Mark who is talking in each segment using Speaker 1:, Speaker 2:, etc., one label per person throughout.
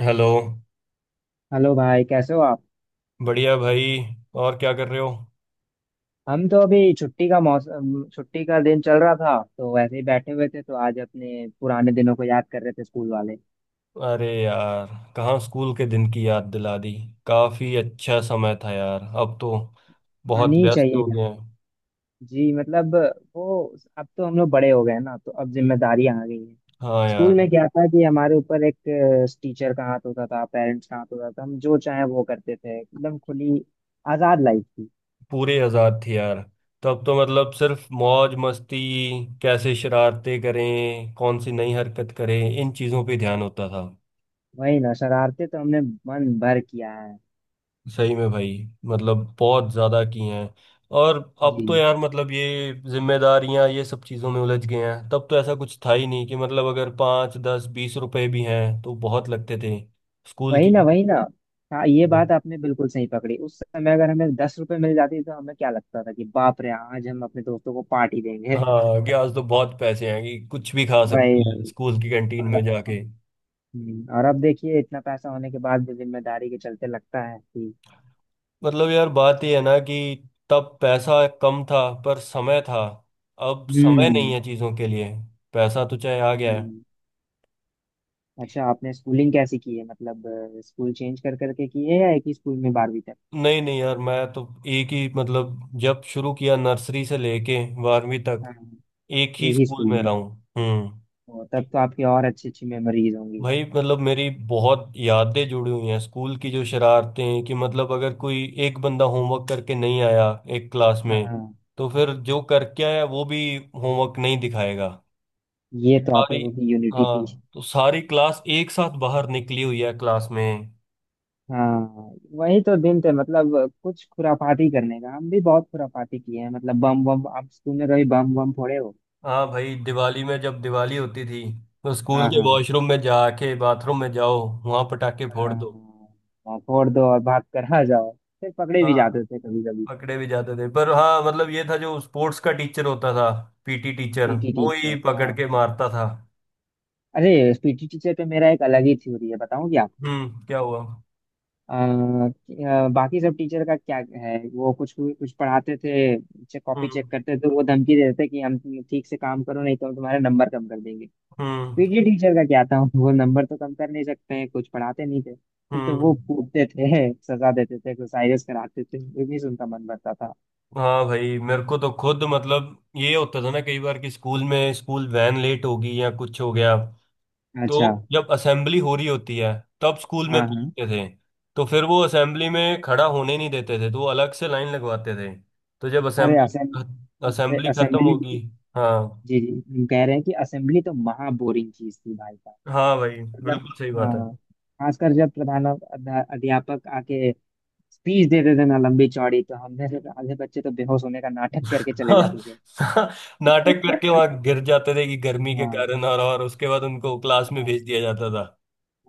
Speaker 1: Hello.
Speaker 2: Hello भाई, कैसे हो आप।
Speaker 1: बढ़िया भाई। और क्या कर रहे हो?
Speaker 2: हम तो अभी छुट्टी का मौसम, छुट्टी का दिन चल रहा था तो वैसे ही बैठे हुए थे, तो आज अपने पुराने दिनों को याद कर रहे थे, स्कूल वाले।
Speaker 1: अरे यार, कहाँ स्कूल के दिन की याद दिला दी। काफी अच्छा समय था यार, अब तो बहुत
Speaker 2: आनी
Speaker 1: व्यस्त
Speaker 2: चाहिए
Speaker 1: हो
Speaker 2: यार।
Speaker 1: गए हैं।
Speaker 2: जी मतलब वो, अब तो हम लोग बड़े हो गए हैं ना तो अब जिम्मेदारियां आ गई हैं।
Speaker 1: हाँ
Speaker 2: स्कूल
Speaker 1: यार।
Speaker 2: में क्या था कि हमारे ऊपर एक टीचर का हाथ होता था, पेरेंट्स का हाथ होता था, हम जो चाहे वो करते थे, एकदम खुली आजाद लाइफ थी।
Speaker 1: पूरे आजाद थे यार, तब तो मतलब सिर्फ मौज मस्ती। कैसे शरारतें करें, कौन सी नई हरकत करें, इन चीजों पे ध्यान होता था।
Speaker 2: वही ना, शरारते तो हमने मन भर किया है।
Speaker 1: सही में भाई, मतलब बहुत ज्यादा की हैं। और अब
Speaker 2: जी।
Speaker 1: तो यार मतलब ये जिम्मेदारियां ये सब चीजों में उलझ गए हैं, तब तो ऐसा कुछ था ही नहीं कि मतलब अगर 5 10 20 रुपए भी हैं तो बहुत लगते थे स्कूल
Speaker 2: वही
Speaker 1: की।
Speaker 2: ना, वही ना। हाँ, ये
Speaker 1: तो,
Speaker 2: बात आपने बिल्कुल सही पकड़ी, उस समय अगर हमें 10 रुपए मिल जाती तो हमें क्या लगता था कि बाप रे आज हम अपने दोस्तों को पार्टी देंगे।
Speaker 1: हाँ कि आज तो बहुत पैसे हैं कि कुछ भी खा सकते
Speaker 2: वही।
Speaker 1: हैं स्कूल की कैंटीन
Speaker 2: और,
Speaker 1: में जाके।
Speaker 2: और अब देखिए इतना पैसा होने के बाद भी जिम्मेदारी के चलते लगता है कि
Speaker 1: मतलब यार बात ये है ना कि तब पैसा कम था, पर समय था। अब समय नहीं
Speaker 2: हम्म।
Speaker 1: है चीजों के लिए, पैसा तो चाहे आ गया है।
Speaker 2: वही। अच्छा, आपने स्कूलिंग कैसी की है, मतलब स्कूल चेंज कर करके की है या एक ही स्कूल में 12वीं तक?
Speaker 1: नहीं नहीं यार, मैं तो एक ही मतलब जब शुरू किया नर्सरी से लेके बारहवीं तक
Speaker 2: हाँ
Speaker 1: एक ही
Speaker 2: एक ही
Speaker 1: स्कूल
Speaker 2: स्कूल
Speaker 1: में
Speaker 2: में।
Speaker 1: रहा हूँ। हम्म।
Speaker 2: ओ, तब तो आपकी और अच्छी अच्छी मेमोरीज होंगी।
Speaker 1: भाई मतलब मेरी बहुत यादें जुड़ी हुई हैं स्कूल की। जो शरारतें कि मतलब अगर कोई एक बंदा होमवर्क करके नहीं आया एक क्लास में,
Speaker 2: हाँ,
Speaker 1: तो फिर जो करके आया वो भी होमवर्क नहीं दिखाएगा।
Speaker 2: ये
Speaker 1: तो
Speaker 2: तो आप
Speaker 1: सारी,
Speaker 2: लोगों की यूनिटी थी।
Speaker 1: हाँ तो सारी क्लास एक साथ बाहर निकली हुई है क्लास में।
Speaker 2: हाँ। वही तो दिन थे, मतलब कुछ खुरापाती करने का, हम भी बहुत खुरापाती किए हैं, मतलब बम बम, आप तूने कभी बम बम फोड़े हो?
Speaker 1: हाँ भाई, दिवाली में जब दिवाली होती थी तो स्कूल
Speaker 2: हाँ
Speaker 1: के
Speaker 2: हाँ
Speaker 1: वॉशरूम में जाके बाथरूम में जाओ, वहां पटाखे फोड़
Speaker 2: हाँ।
Speaker 1: दो।
Speaker 2: हाँ, फोड़ दो और भाग कर आ जाओ। फिर पकड़े भी
Speaker 1: हाँ
Speaker 2: जाते थे कभी कभी।
Speaker 1: पकड़े भी जाते थे, पर हाँ मतलब ये था जो स्पोर्ट्स का टीचर होता था, पीटी टीचर,
Speaker 2: पीटी
Speaker 1: वो
Speaker 2: टीचर
Speaker 1: ही पकड़
Speaker 2: हाँ।
Speaker 1: के मारता था।
Speaker 2: अरे पीटी टीचर पे मेरा एक अलग ही थ्योरी है, बताऊँ क्या आपको?
Speaker 1: हम्म, क्या हुआ?
Speaker 2: अ, बाकी सब टीचर का क्या है, वो कुछ कुछ पढ़ाते थे, कॉपी
Speaker 1: हम्म।
Speaker 2: चेक करते थे, तो वो धमकी देते थे कि हम ठीक से काम करो नहीं तो हम तुम्हारे नंबर कम कर देंगे।
Speaker 1: हम्म।
Speaker 2: पीटी टीचर का क्या था, वो नंबर तो कम कर नहीं सकते हैं, कुछ पढ़ाते नहीं थे, तो
Speaker 1: हम्म।
Speaker 2: वो कूटते थे, सजा देते थे, एक्सरसाइजेस कराते थे, इतनी से उनका मन भरता था।
Speaker 1: हाँ भाई, मेरे को तो खुद मतलब ये होता था ना कई बार कि स्कूल में स्कूल वैन लेट होगी या कुछ हो गया, तो
Speaker 2: अच्छा।
Speaker 1: जब असेंबली हो रही होती है तब स्कूल में
Speaker 2: हाँ हाँ।
Speaker 1: पूछते थे, तो फिर वो असेंबली में खड़ा होने नहीं देते थे, तो वो अलग से लाइन लगवाते थे, तो जब असेंबली,
Speaker 2: अरे
Speaker 1: असेंबली खत्म
Speaker 2: असेंबली जी।
Speaker 1: होगी। हाँ।
Speaker 2: जी। हम कह रहे हैं कि असेंबली तो महा बोरिंग चीज थी भाई साहब।
Speaker 1: हाँ भाई।
Speaker 2: मतलब
Speaker 1: बिल्कुल सही बात है।
Speaker 2: हाँ। खासकर जब प्रधान अध्यापक आके स्पीच देते थे ना लंबी चौड़ी, तो हमने से तो आधे बच्चे तो बेहोश होने का नाटक करके चले
Speaker 1: हाँ,
Speaker 2: जाते
Speaker 1: नाटक करके
Speaker 2: थे।
Speaker 1: वहां गिर जाते थे कि गर्मी के
Speaker 2: हाँ
Speaker 1: कारण, और उसके बाद उनको क्लास में
Speaker 2: हाँ।
Speaker 1: भेज दिया जाता।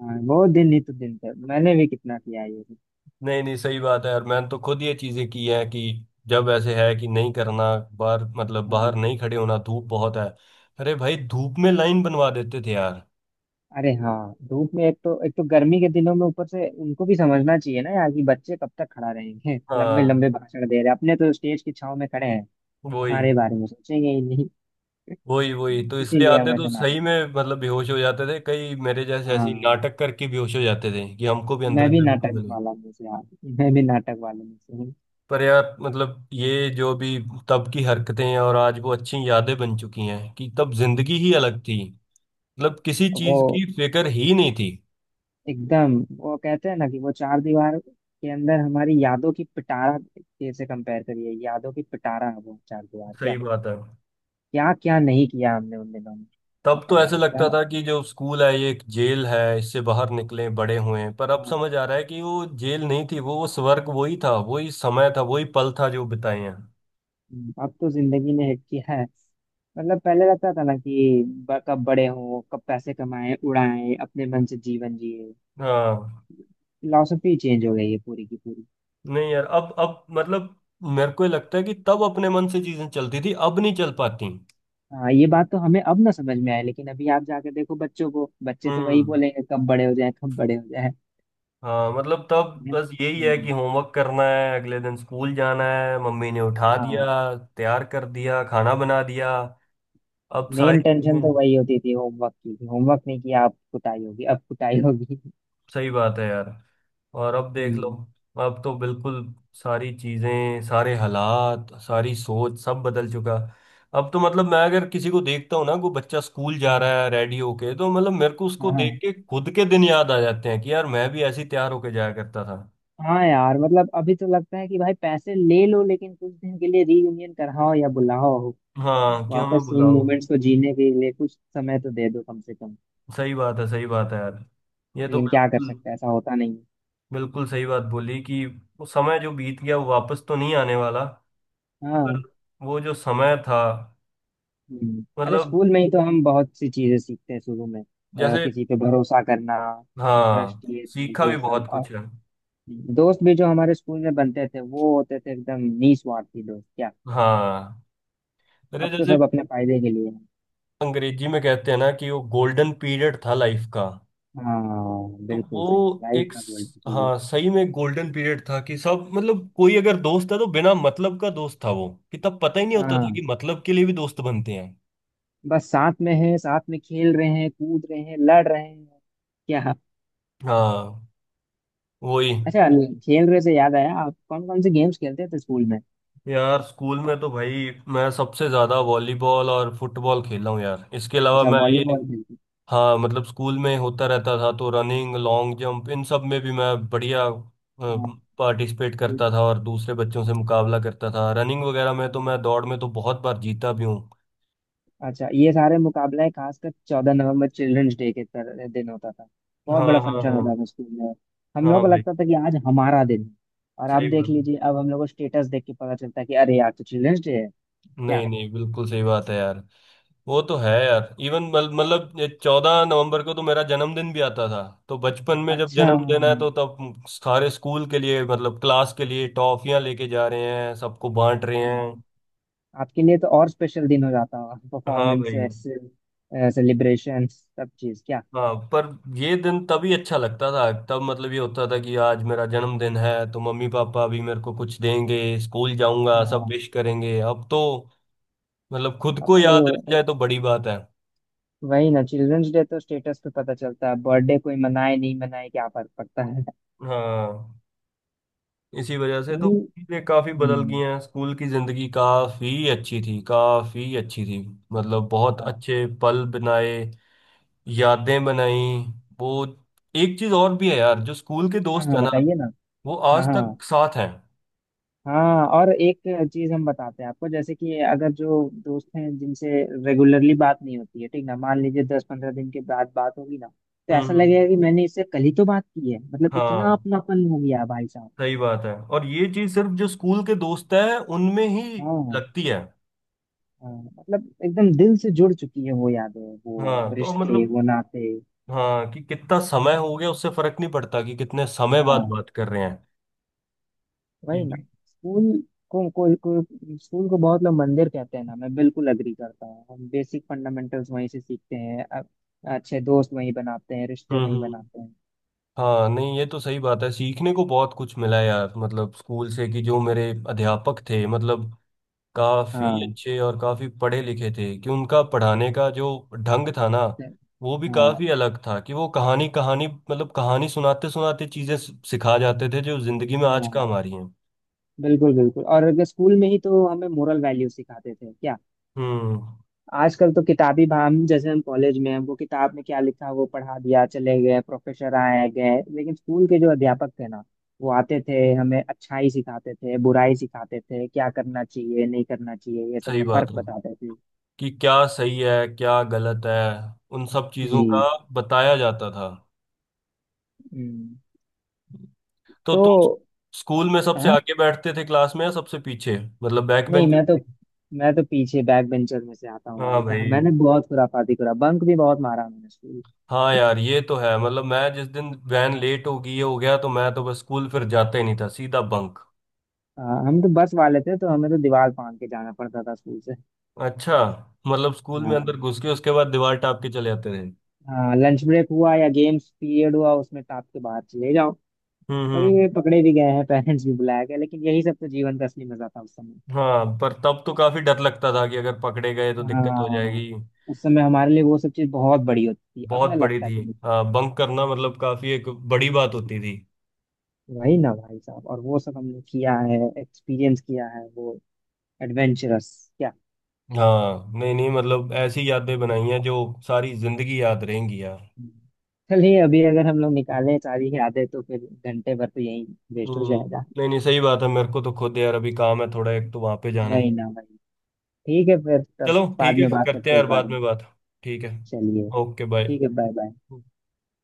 Speaker 2: हाँ, वो दिन ही तो दिन थे, मैंने भी कितना किया है ये सब।
Speaker 1: नहीं नहीं सही बात है, और मैंने तो खुद ये चीजें की हैं कि जब ऐसे है कि नहीं करना, बाहर मतलब बाहर
Speaker 2: हाँ।
Speaker 1: नहीं खड़े होना, धूप बहुत है। अरे भाई धूप में लाइन बनवा देते थे यार।
Speaker 2: अरे हाँ, धूप में, एक तो गर्मी के दिनों में ऊपर से उनको भी समझना चाहिए ना यार कि बच्चे कब तक खड़ा रहेंगे, लंबे
Speaker 1: हाँ।
Speaker 2: लंबे भाषण दे रहे हैं, अपने तो स्टेज की छाव में खड़े हैं।
Speaker 1: वही।
Speaker 2: हमारे बारे में सोचेंगे ही नहीं।
Speaker 1: वही वही तो इसलिए
Speaker 2: इसीलिए हम
Speaker 1: आते तो
Speaker 2: ऐसे नाटक।
Speaker 1: सही में मतलब बेहोश हो जाते थे, कई मेरे जैसे ऐसे ही
Speaker 2: हाँ।
Speaker 1: नाटक करके बेहोश हो जाते थे कि हमको भी
Speaker 2: मैं
Speaker 1: अंदर से
Speaker 2: भी
Speaker 1: छुट्टी
Speaker 2: नाटक
Speaker 1: मिले।
Speaker 2: वाला में से, हाँ। मैं भी नाटक वाले में से हूँ।
Speaker 1: पर यार मतलब ये जो भी तब की हरकतें हैं, और आज वो अच्छी यादें बन चुकी हैं कि तब जिंदगी ही
Speaker 2: हाँ,
Speaker 1: अलग थी। मतलब किसी
Speaker 2: वो
Speaker 1: चीज की फिक्र ही नहीं थी।
Speaker 2: एकदम वो कहते हैं ना कि वो चार दीवार के अंदर हमारी यादों की पिटारा, कैसे कंपेयर करिए, यादों की पिटारा है वो चार दीवार, क्या
Speaker 1: सही बात है।
Speaker 2: क्या क्या नहीं किया हमने उन दिनों में।
Speaker 1: तब तो ऐसे
Speaker 2: बताइए क्या।
Speaker 1: लगता था कि जो स्कूल है ये एक जेल है, इससे बाहर निकले बड़े हुए हैं, पर अब
Speaker 2: हाँ,
Speaker 1: समझ आ रहा है कि वो जेल नहीं थी, वो स्वर्ग वही था, वही समय था, वही पल था जो बिताए हैं।
Speaker 2: अब तो जिंदगी ने हिट किया है, मतलब पहले रहता था ना कि कब बड़े हों, कब पैसे कमाएं, उड़ाएं अपने मन से जीवन जिए।
Speaker 1: हाँ
Speaker 2: फिलोसफी चेंज हो गई है पूरी की पूरी।
Speaker 1: नहीं यार, अब मतलब मेरे को ये लगता है कि तब अपने मन से चीजें चलती थी, अब नहीं चल पाती।
Speaker 2: हाँ, ये बात तो हमें अब ना समझ में आए, लेकिन अभी आप जाके देखो बच्चों को, बच्चे तो वही
Speaker 1: हम्म।
Speaker 2: बोलेंगे कब बड़े हो जाए, कब बड़े हो जाए।
Speaker 1: हाँ मतलब तब बस यही है
Speaker 2: हम्म,
Speaker 1: कि होमवर्क करना है, अगले दिन स्कूल जाना है, मम्मी ने उठा
Speaker 2: हाँ।
Speaker 1: दिया, तैयार कर दिया, खाना बना दिया, अब
Speaker 2: मेन
Speaker 1: सारी चीजें।
Speaker 2: टेंशन तो वही होती थी होमवर्क की, होमवर्क नहीं किया अब कुटाई होगी, अब कुटाई होगी।
Speaker 1: सही बात है यार, और अब देख लो,
Speaker 2: हम्म।
Speaker 1: अब तो बिल्कुल सारी चीजें, सारे हालात, सारी सोच सब बदल चुका। अब तो मतलब मैं अगर किसी को देखता हूँ ना कोई बच्चा स्कूल जा
Speaker 2: हाँ
Speaker 1: रहा है रेडी होके, तो मतलब मेरे को उसको देख
Speaker 2: हाँ।
Speaker 1: के खुद के दिन याद आ जाते हैं कि यार मैं भी ऐसे ही तैयार होके जाया करता था।
Speaker 2: हाँ यार, मतलब अभी तो लगता है कि भाई पैसे ले लो लेकिन कुछ दिन के लिए रीयूनियन कराओ या बुलाओ,
Speaker 1: हाँ क्यों मैं
Speaker 2: वापस उन
Speaker 1: बुलाओ।
Speaker 2: मोमेंट्स को जीने के लिए कुछ समय तो दे दो कम से कम।
Speaker 1: सही बात है यार, ये तो
Speaker 2: लेकिन क्या कर
Speaker 1: बिल्कुल।
Speaker 2: सकते हैं, ऐसा होता नहीं है।
Speaker 1: बिल्कुल सही बात बोली कि वो समय जो बीत गया वो वापस तो नहीं आने वाला,
Speaker 2: हाँ।
Speaker 1: पर वो जो समय था।
Speaker 2: हम्म। अरे
Speaker 1: मतलब
Speaker 2: स्कूल में ही तो हम बहुत सी चीजें सीखते हैं शुरू में,
Speaker 1: जैसे
Speaker 2: किसी पे भरोसा करना, ट्रस्ट,
Speaker 1: हाँ,
Speaker 2: ये सब
Speaker 1: सीखा
Speaker 2: वो
Speaker 1: भी
Speaker 2: सब,
Speaker 1: बहुत
Speaker 2: और
Speaker 1: कुछ है।
Speaker 2: दोस्त भी जो हमारे स्कूल में बनते थे वो होते थे एकदम निस्वार्थी दोस्त क्या।
Speaker 1: हाँ। अरे
Speaker 2: अब तो
Speaker 1: जैसे
Speaker 2: सब अपने फायदे के लिए हैं।
Speaker 1: अंग्रेजी में कहते हैं ना कि वो गोल्डन पीरियड था लाइफ का।
Speaker 2: हाँ
Speaker 1: तो
Speaker 2: बिल्कुल सही, लाइफ का गोल।
Speaker 1: हाँ सही में गोल्डन पीरियड था कि सब मतलब कोई अगर दोस्त था तो बिना मतलब का दोस्त था वो, कि तब पता ही नहीं होता था कि
Speaker 2: हाँ,
Speaker 1: मतलब के लिए भी दोस्त बनते हैं।
Speaker 2: बस साथ में है, साथ में खेल रहे हैं, कूद रहे हैं, लड़ रहे हैं क्या।
Speaker 1: हाँ। वही।
Speaker 2: अच्छा। खेल रहे से याद आया, आप कौन कौन से गेम्स खेलते थे स्कूल में?
Speaker 1: यार स्कूल में तो भाई मैं सबसे ज्यादा वॉलीबॉल और फुटबॉल खेला हूँ यार, इसके अलावा
Speaker 2: अच्छा
Speaker 1: मैं ये।
Speaker 2: वॉलीबॉल खेलते थे।
Speaker 1: हाँ मतलब स्कूल में होता रहता था तो रनिंग, लॉन्ग जंप इन सब में भी मैं बढ़िया
Speaker 2: हाँ
Speaker 1: पार्टिसिपेट
Speaker 2: ये
Speaker 1: करता था, और दूसरे बच्चों से मुकाबला करता था रनिंग वगैरह में, तो
Speaker 2: हाँ।
Speaker 1: मैं दौड़ में तो बहुत बार जीता भी हूँ।
Speaker 2: अच्छा, ये सारे मुकाबले खासकर 14 नवंबर चिल्ड्रंस डे के दिन होता था, बहुत बड़ा
Speaker 1: हाँ हाँ
Speaker 2: फंक्शन होता
Speaker 1: हाँ।
Speaker 2: था स्कूल में। हम लोग
Speaker 1: हाँ
Speaker 2: को
Speaker 1: भाई।
Speaker 2: लगता था कि आज हमारा दिन है। और आप
Speaker 1: सही बात
Speaker 2: देख
Speaker 1: है।
Speaker 2: लीजिए अब हम लोग को स्टेटस देख के पता चलता है कि अरे आज तो चिल्ड्रंस डे है।
Speaker 1: नहीं
Speaker 2: क्या
Speaker 1: नहीं बिल्कुल सही बात है यार। वो तो है यार, इवन मतलब 14 नवंबर को तो मेरा जन्मदिन भी आता था। तो बचपन में जब
Speaker 2: अच्छा,
Speaker 1: जन्म देना है तो तब सारे स्कूल के लिए मतलब क्लास के लिए टॉफियां लेके जा रहे हैं सबको बांट रहे
Speaker 2: हाँ।
Speaker 1: हैं।
Speaker 2: आपके लिए तो और स्पेशल दिन हो जाता होगा,
Speaker 1: हाँ भाई।
Speaker 2: परफॉर्मेंसेस, सेलिब्रेशन, सब चीज क्या।
Speaker 1: हाँ पर ये दिन तभी अच्छा लगता था, तब मतलब ये होता था कि आज मेरा जन्मदिन है तो मम्मी पापा भी मेरे को कुछ देंगे, स्कूल जाऊंगा सब
Speaker 2: हाँ
Speaker 1: विश करेंगे। अब तो मतलब खुद
Speaker 2: अब
Speaker 1: को
Speaker 2: तो।
Speaker 1: याद रह जाए तो बड़ी बात है।
Speaker 2: वही ना, चिल्ड्रंस डे तो स्टेटस पे पता चलता है, बर्थडे कोई मनाए नहीं मनाए क्या फर्क पड़ता है।
Speaker 1: हाँ। इसी वजह से तो
Speaker 2: स्कूल।
Speaker 1: चीजें काफी बदल
Speaker 2: हम्म,
Speaker 1: गई हैं। स्कूल की जिंदगी काफी अच्छी थी, काफी अच्छी थी। मतलब बहुत
Speaker 2: हाँ।
Speaker 1: अच्छे पल बनाए, यादें बनाई। वो एक चीज और भी है यार, जो स्कूल के
Speaker 2: हाँ
Speaker 1: दोस्त
Speaker 2: हाँ,
Speaker 1: है ना
Speaker 2: बताइए ना।
Speaker 1: वो
Speaker 2: हाँ
Speaker 1: आज
Speaker 2: हाँ
Speaker 1: तक साथ हैं।
Speaker 2: हाँ, और एक चीज हम बताते हैं आपको, जैसे कि अगर जो दोस्त हैं जिनसे रेगुलरली बात नहीं होती है, ठीक ना, मान लीजिए 10-15 दिन के बाद बात होगी ना तो ऐसा
Speaker 1: हम्म।
Speaker 2: लगेगा कि मैंने इससे कल ही तो बात की है, मतलब इतना
Speaker 1: हाँ
Speaker 2: अपनापन हो गया भाई साहब।
Speaker 1: सही बात है, और ये चीज सिर्फ जो स्कूल के दोस्त है उनमें ही
Speaker 2: हाँ
Speaker 1: लगती है।
Speaker 2: हाँ। मतलब एकदम दिल से जुड़ चुकी है वो यादें, वो
Speaker 1: हाँ तो
Speaker 2: रिश्ते,
Speaker 1: मतलब,
Speaker 2: वो नाते।
Speaker 1: हाँ कि कितना समय हो गया उससे फर्क नहीं पड़ता, कि कितने समय बाद
Speaker 2: हाँ
Speaker 1: बात कर रहे हैं। ये
Speaker 2: वही ना।
Speaker 1: जो-
Speaker 2: स्कूल स्कूल को बहुत लोग मंदिर कहते हैं ना, मैं बिल्कुल अग्री करता हूँ, हम बेसिक फंडामेंटल्स वहीं से सीखते हैं, अच्छे दोस्त वहीं बनाते हैं, रिश्ते
Speaker 1: हम्म।
Speaker 2: वहीं
Speaker 1: हम्म।
Speaker 2: बनाते हैं।
Speaker 1: हाँ नहीं ये तो सही बात है, सीखने को बहुत कुछ मिला यार, मतलब स्कूल से कि जो मेरे अध्यापक थे मतलब काफी
Speaker 2: हाँ
Speaker 1: अच्छे और काफी पढ़े लिखे थे, कि उनका पढ़ाने का जो ढंग था ना
Speaker 2: तो-।
Speaker 1: वो भी
Speaker 2: हाँ
Speaker 1: काफी अलग था, कि वो कहानी कहानी मतलब कहानी सुनाते सुनाते चीजें सिखा जाते थे जो जिंदगी में आज
Speaker 2: हाँ,
Speaker 1: काम आ रही हैं।
Speaker 2: बिल्कुल बिल्कुल, और अगर स्कूल में ही तो हमें मोरल वैल्यू सिखाते थे क्या।
Speaker 1: हम्म।
Speaker 2: आजकल तो किताबी हम जैसे, हम कॉलेज में हैं, वो किताब में क्या लिखा वो पढ़ा दिया, चले गए प्रोफेसर, आए गए, लेकिन स्कूल के जो अध्यापक थे ना वो आते थे, हमें अच्छाई सिखाते थे, बुराई सिखाते थे, क्या करना चाहिए नहीं करना चाहिए ये सब
Speaker 1: सही
Speaker 2: में
Speaker 1: बात
Speaker 2: फर्क
Speaker 1: है,
Speaker 2: बताते थे।
Speaker 1: कि क्या सही है, क्या गलत है, उन सब
Speaker 2: जी।
Speaker 1: चीजों का बताया जाता था।
Speaker 2: हम्म,
Speaker 1: तो
Speaker 2: तो।
Speaker 1: तुम स्कूल में सबसे
Speaker 2: हाँ
Speaker 1: आगे बैठते थे क्लास में या सबसे पीछे? मतलब बैक
Speaker 2: नहीं,
Speaker 1: बेंचर थे?
Speaker 2: मैं तो पीछे बैक बेंचर में से आता हूँ
Speaker 1: हाँ
Speaker 2: भाई साहब,
Speaker 1: भाई।
Speaker 2: मैंने बहुत खुराफाती करा, बंक भी बहुत मारा मैंने स्कूल।
Speaker 1: हाँ यार ये तो है, मतलब मैं जिस दिन वैन लेट हो गया तो मैं तो बस स्कूल फिर जाता ही नहीं था, सीधा बंक।
Speaker 2: हाँ, हम तो बस वाले थे तो हमें तो दीवार फाड़ के जाना पड़ता था स्कूल से।
Speaker 1: अच्छा। मतलब स्कूल में
Speaker 2: हाँ
Speaker 1: अंदर घुस के उसके बाद दीवार टाप के चले आते थे।
Speaker 2: हाँ, लंच ब्रेक हुआ या गेम्स पीरियड हुआ उसमें टाप के बाहर चले जाओ।
Speaker 1: हम्म।
Speaker 2: कभी कभी
Speaker 1: हम्म।
Speaker 2: पकड़े भी गए हैं, पेरेंट्स भी बुलाया गया, लेकिन यही सब तो जीवन का असली मजा था उस समय।
Speaker 1: हाँ पर तब तो काफी डर लगता था कि अगर पकड़े गए तो दिक्कत हो
Speaker 2: हाँ।
Speaker 1: जाएगी।
Speaker 2: उस समय हमारे लिए वो सब चीज बहुत बड़ी होती थी, अब
Speaker 1: बहुत
Speaker 2: ना
Speaker 1: बड़ी
Speaker 2: लगता
Speaker 1: थी।
Speaker 2: कि।
Speaker 1: हाँ बंक करना मतलब काफी एक बड़ी बात होती थी।
Speaker 2: वही ना भाई साहब, और वो सब हमने किया है, एक्सपीरियंस किया है वो एडवेंचरस क्या।
Speaker 1: हाँ नहीं नहीं मतलब ऐसी यादें बनाई हैं जो सारी जिंदगी याद रहेंगी यार।
Speaker 2: हम्म। चलिए, अभी अगर हम लोग निकालें सारी यादें तो फिर घंटे भर तो यही वेस्ट हो जाएगा।
Speaker 1: नहीं नहीं सही बात है, मेरे को तो खुद यार अभी काम है थोड़ा, एक तो वहां पे जाना
Speaker 2: वही
Speaker 1: है।
Speaker 2: ना, वही। ठीक है, फिर तब
Speaker 1: चलो ठीक
Speaker 2: बाद
Speaker 1: है,
Speaker 2: में बात
Speaker 1: करते
Speaker 2: करते
Speaker 1: हैं
Speaker 2: हैं
Speaker 1: यार
Speaker 2: इस बारे
Speaker 1: बाद
Speaker 2: में।
Speaker 1: में बात। ठीक है।
Speaker 2: चलिए
Speaker 1: ओके बाय।
Speaker 2: ठीक है बाय बाय।